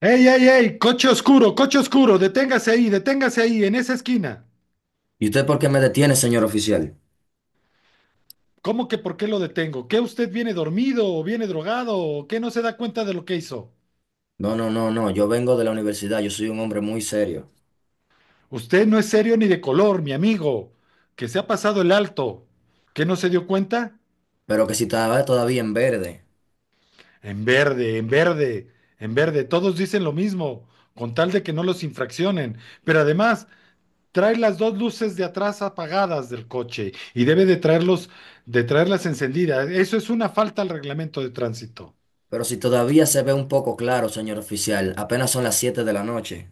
¡Ey, ey, ey! Coche oscuro, deténgase ahí, en esa esquina. ¿Y usted por qué me detiene, señor oficial? ¿Cómo que por qué lo detengo? ¿Qué usted viene dormido o viene drogado o qué no se da cuenta de lo que hizo? No, no, no, no, yo vengo de la universidad, yo soy un hombre muy serio. Usted no es serio ni de color, mi amigo, que se ha pasado el alto. ¿Qué no se dio cuenta? Pero que si estaba todavía en verde, En verde, en verde, en verde, todos dicen lo mismo, con tal de que no los infraccionen. Pero además, trae las dos luces de atrás apagadas del coche y debe de traerlos, de traerlas encendidas. Eso es una falta al reglamento de tránsito. pero si todavía se ve un poco claro, señor oficial, apenas son las 7 de la noche.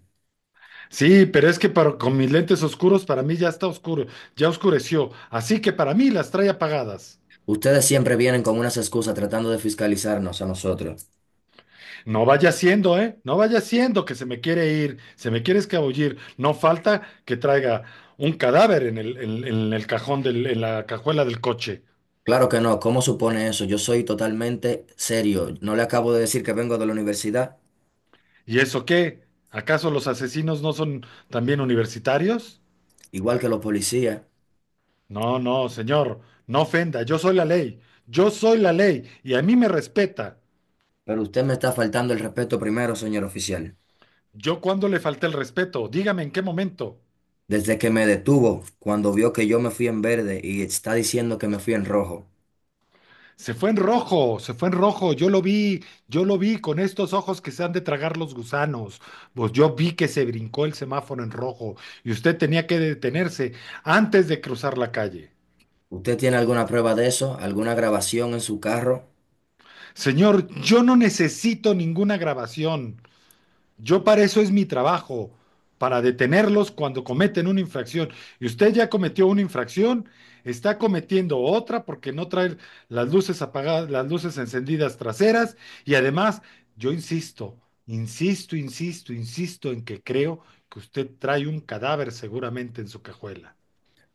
Sí, pero es que con mis lentes oscuros para mí ya está oscuro, ya oscureció, así que para mí las trae apagadas. Ustedes siempre vienen con unas excusas tratando de fiscalizarnos a nosotros. No vaya siendo, ¿eh? No vaya siendo que se me quiere ir, se me quiere escabullir. No falta que traiga un cadáver en el cajón en la cajuela del coche. Claro que no, ¿cómo supone eso? Yo soy totalmente serio. No le acabo de decir que vengo de la universidad, ¿Y eso qué? ¿Acaso los asesinos no son también universitarios? igual que los policías, No, no, señor, no ofenda, yo soy la ley, yo soy la ley y a mí me respeta. pero usted me está faltando el respeto primero, señor oficial. ¿Yo cuándo le falté el respeto? Dígame en qué momento. Desde que me detuvo, cuando vio que yo me fui en verde y está diciendo que me fui en rojo. Se fue en rojo, se fue en rojo, yo lo vi con estos ojos que se han de tragar los gusanos. Pues yo vi que se brincó el semáforo en rojo y usted tenía que detenerse antes de cruzar la calle. ¿Usted tiene alguna prueba de eso? ¿Alguna grabación en su carro? Señor, yo no necesito ninguna grabación. Yo para eso es mi trabajo, para detenerlos cuando cometen una infracción. Y usted ya cometió una infracción, está cometiendo otra porque no trae las luces apagadas, las luces encendidas traseras. Y además, yo insisto, insisto en que creo que usted trae un cadáver seguramente en su cajuela.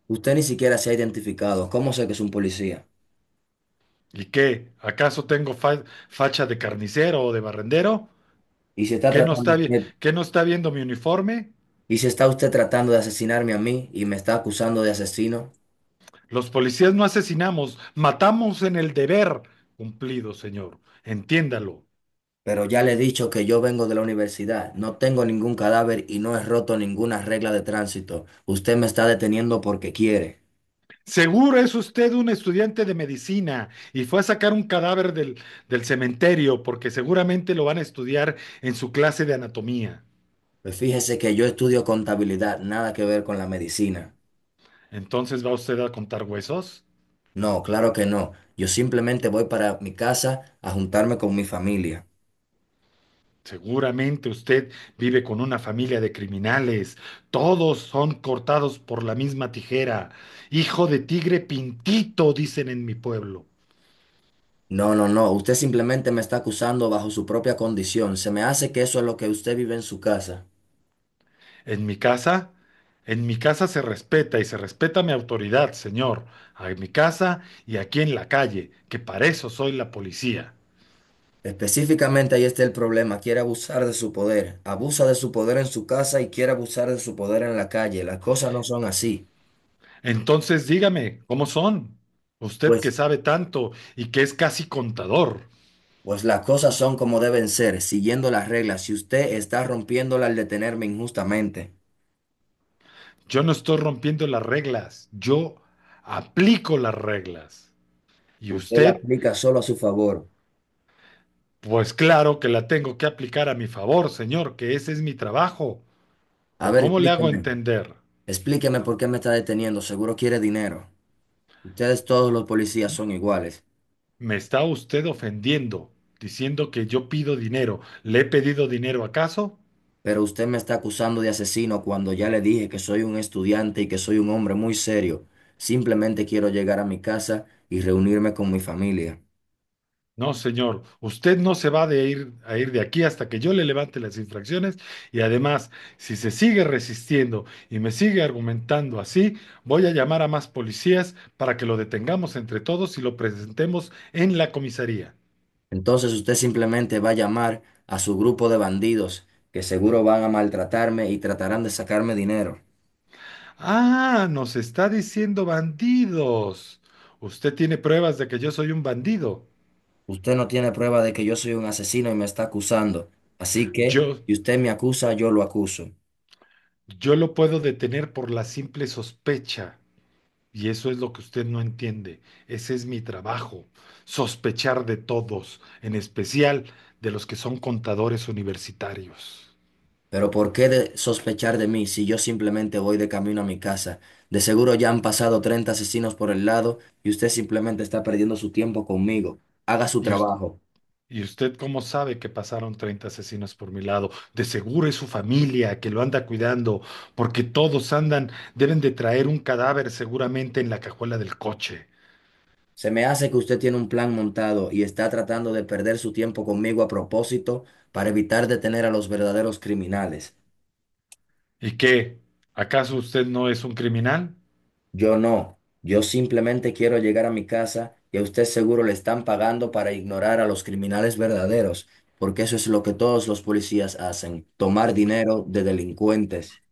Usted ni siquiera se ha identificado. ¿Cómo sé que es un policía? ¿Y qué? ¿Acaso tengo facha de carnicero o de barrendero? Y si está ¿Qué tratando usted, qué no está viendo mi uniforme? y si está usted tratando de asesinarme a mí y me está acusando de asesino, Los policías no asesinamos, matamos en el deber cumplido, señor. Entiéndalo. pero ya le he dicho que yo vengo de la universidad, no tengo ningún cadáver y no he roto ninguna regla de tránsito. Usted me está deteniendo porque quiere. Seguro es usted un estudiante de medicina y fue a sacar un cadáver del cementerio porque seguramente lo van a estudiar en su clase de anatomía. Pues fíjese que yo estudio contabilidad, nada que ver con la medicina. Entonces, ¿va usted a contar huesos? No, claro que no. Yo simplemente voy para mi casa a juntarme con mi familia. Seguramente usted vive con una familia de criminales. Todos son cortados por la misma tijera. Hijo de tigre pintito, dicen en mi pueblo. No, no, no. Usted simplemente me está acusando bajo su propia condición. Se me hace que eso es lo que usted vive en su casa. En mi casa, en mi casa se respeta y se respeta mi autoridad, señor, en mi casa y aquí en la calle, que para eso soy la policía. Específicamente ahí está el problema. Quiere abusar de su poder. Abusa de su poder en su casa y quiere abusar de su poder en la calle. Las cosas no son así. Entonces dígame, ¿cómo son? Usted que Pues, sabe tanto y que es casi contador. pues las cosas son como deben ser, siguiendo las reglas. Si usted está rompiéndolas al detenerme injustamente, Yo no estoy rompiendo las reglas, yo aplico las reglas. Y usted la usted, aplica solo a su favor. pues claro que la tengo que aplicar a mi favor, señor, que ese es mi trabajo. A ¿O ver, cómo le hago explíqueme. entender? Explíqueme por qué me está deteniendo. Seguro quiere dinero. Ustedes todos los policías son iguales, Me está usted ofendiendo, diciendo que yo pido dinero. ¿Le he pedido dinero acaso? pero usted me está acusando de asesino cuando ya le dije que soy un estudiante y que soy un hombre muy serio. Simplemente quiero llegar a mi casa y reunirme con mi familia. No, señor. Usted no se va de ir, a ir de aquí hasta que yo le levante las infracciones. Y además, si se sigue resistiendo y me sigue argumentando así, voy a llamar a más policías para que lo detengamos entre todos y lo presentemos en la comisaría. Entonces usted simplemente va a llamar a su grupo de bandidos que seguro van a maltratarme y tratarán de sacarme dinero. Ah, nos está diciendo bandidos. Usted tiene pruebas de que yo soy un bandido. Usted no tiene prueba de que yo soy un asesino y me está acusando. Así que, Yo, si usted me acusa, yo lo acuso. Yo lo puedo detener por la simple sospecha, y eso es lo que usted no entiende. Ese es mi trabajo, sospechar de todos, en especial de los que son contadores universitarios. Pero ¿por qué de sospechar de mí si yo simplemente voy de camino a mi casa? De seguro ya han pasado 30 asesinos por el lado y usted simplemente está perdiendo su tiempo conmigo. Haga su ¿Y, us- trabajo. y usted cómo sabe que pasaron 30 asesinos por mi lado? De seguro es su familia que lo anda cuidando, porque todos andan, deben de traer un cadáver seguramente en la cajuela del coche. Se me hace que usted tiene un plan montado y está tratando de perder su tiempo conmigo a propósito para evitar detener a los verdaderos criminales. ¿Y qué? ¿Acaso usted no es un criminal? Yo no, yo simplemente quiero llegar a mi casa y a usted seguro le están pagando para ignorar a los criminales verdaderos, porque eso es lo que todos los policías hacen, tomar dinero de delincuentes.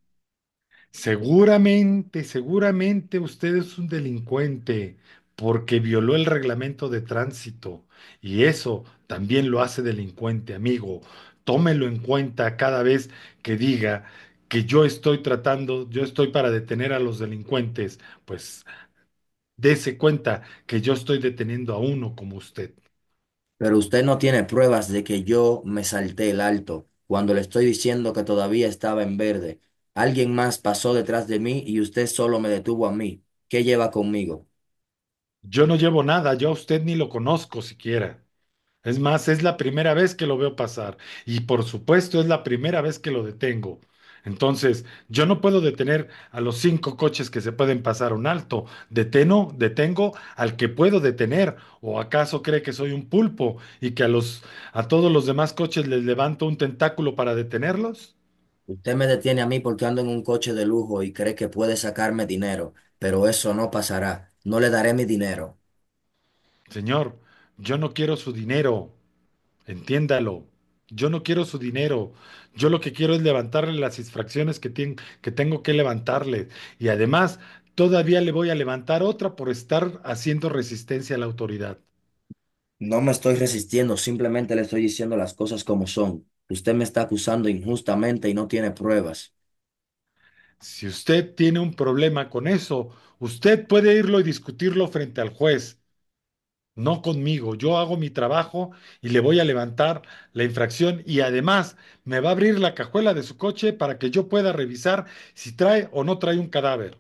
Seguramente, seguramente usted es un delincuente porque violó el reglamento de tránsito y eso también lo hace delincuente, amigo. Tómelo en cuenta cada vez que diga que yo estoy tratando, yo estoy para detener a los delincuentes, pues dese cuenta que yo estoy deteniendo a uno como usted. Pero usted no tiene pruebas de que yo me salté el alto cuando le estoy diciendo que todavía estaba en verde. Alguien más pasó detrás de mí y usted solo me detuvo a mí. ¿Qué lleva conmigo? Yo no llevo nada, yo a usted ni lo conozco siquiera. Es más, es la primera vez que lo veo pasar y por supuesto es la primera vez que lo detengo. Entonces, yo no puedo detener a los 5 coches que se pueden pasar un alto. Detengo al que puedo detener. ¿O acaso cree que soy un pulpo y que a todos los demás coches les levanto un tentáculo para detenerlos? Usted me detiene a mí porque ando en un coche de lujo y cree que puede sacarme dinero, pero eso no pasará. No le daré mi dinero. Señor, yo no quiero su dinero. Entiéndalo. Yo no quiero su dinero. Yo lo que quiero es levantarle las infracciones que tengo que levantarle. Y además, todavía le voy a levantar otra por estar haciendo resistencia a la autoridad. No me estoy resistiendo, simplemente le estoy diciendo las cosas como son. Usted me está acusando injustamente y no tiene pruebas. Si usted tiene un problema con eso, usted puede irlo y discutirlo frente al juez, no conmigo. Yo hago mi trabajo y le voy a levantar la infracción y además me va a abrir la cajuela de su coche para que yo pueda revisar si trae o no trae un cadáver.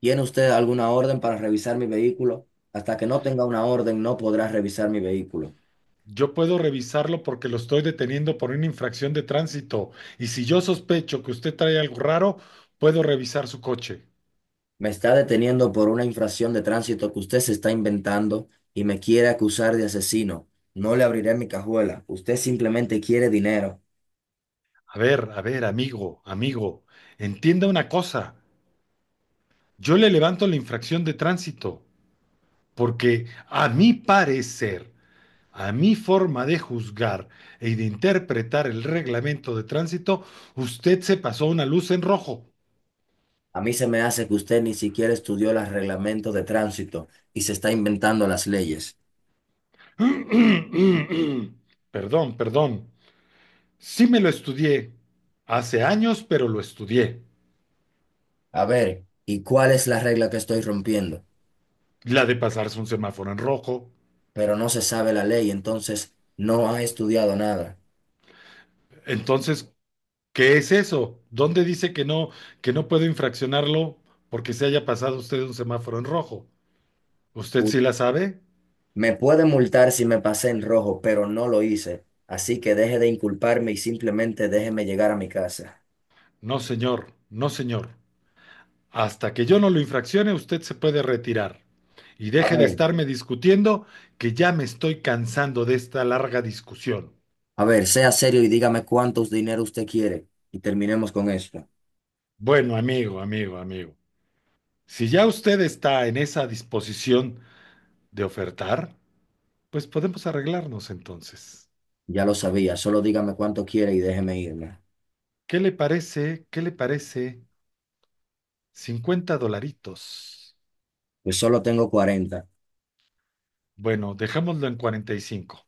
¿Tiene usted alguna orden para revisar mi vehículo? Hasta que no tenga una orden, no podrá revisar mi vehículo. Yo puedo revisarlo porque lo estoy deteniendo por una infracción de tránsito. Y si yo sospecho que usted trae algo raro, puedo revisar su coche. Me está deteniendo por una infracción de tránsito que usted se está inventando y me quiere acusar de asesino. No le abriré mi cajuela. Usted simplemente quiere dinero. A ver, amigo, amigo, entienda una cosa. Yo le levanto la infracción de tránsito porque a mi parecer, a mi forma de juzgar de interpretar el reglamento de tránsito, usted se pasó una luz en rojo. A mí se me hace que usted ni siquiera estudió los reglamentos de tránsito y se está inventando las leyes. Perdón, perdón. Sí me lo estudié hace años, pero lo estudié. A ver, ¿y cuál es la regla que estoy rompiendo? La de pasarse un semáforo en rojo. Pero no se sabe la ley, entonces no ha estudiado nada. Entonces, ¿qué es eso? ¿Dónde dice que no puedo infraccionarlo porque se haya pasado usted un semáforo en rojo? ¿Usted U- sí la sabe? Me puede multar si me pasé en rojo, pero no lo hice. Así que deje de inculparme y simplemente déjeme llegar a mi casa. No, señor, no, señor. Hasta que yo no lo infraccione, usted se puede retirar. Y A deje de ver, estarme discutiendo, que ya me estoy cansando de esta larga discusión. a ver, sea serio y dígame cuántos dinero usted quiere. Y terminemos con esto. Bueno, amigo, amigo, amigo. Si ya usted está en esa disposición de ofertar, pues podemos arreglarnos entonces. Ya lo sabía, solo dígame cuánto quiere y déjeme irme. ¿Qué le parece? ¿Qué le parece? 50 dolaritos. Pues solo tengo 40. Bueno, dejémoslo en 45.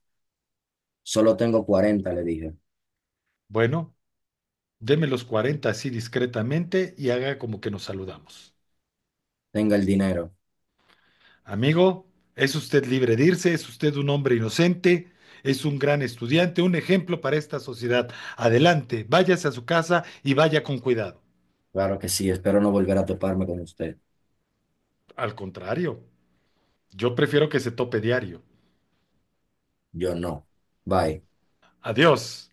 Solo tengo 40, le dije. Bueno, deme los 40 así discretamente y haga como que nos saludamos. Tenga el dinero. Amigo, es usted libre de irse, es usted un hombre inocente, es un gran estudiante, un ejemplo para esta sociedad. Adelante, váyase a su casa y vaya con cuidado. Claro que sí, espero no volver a toparme con usted. Al contrario, yo prefiero que se tope diario. Yo no. Bye. Adiós.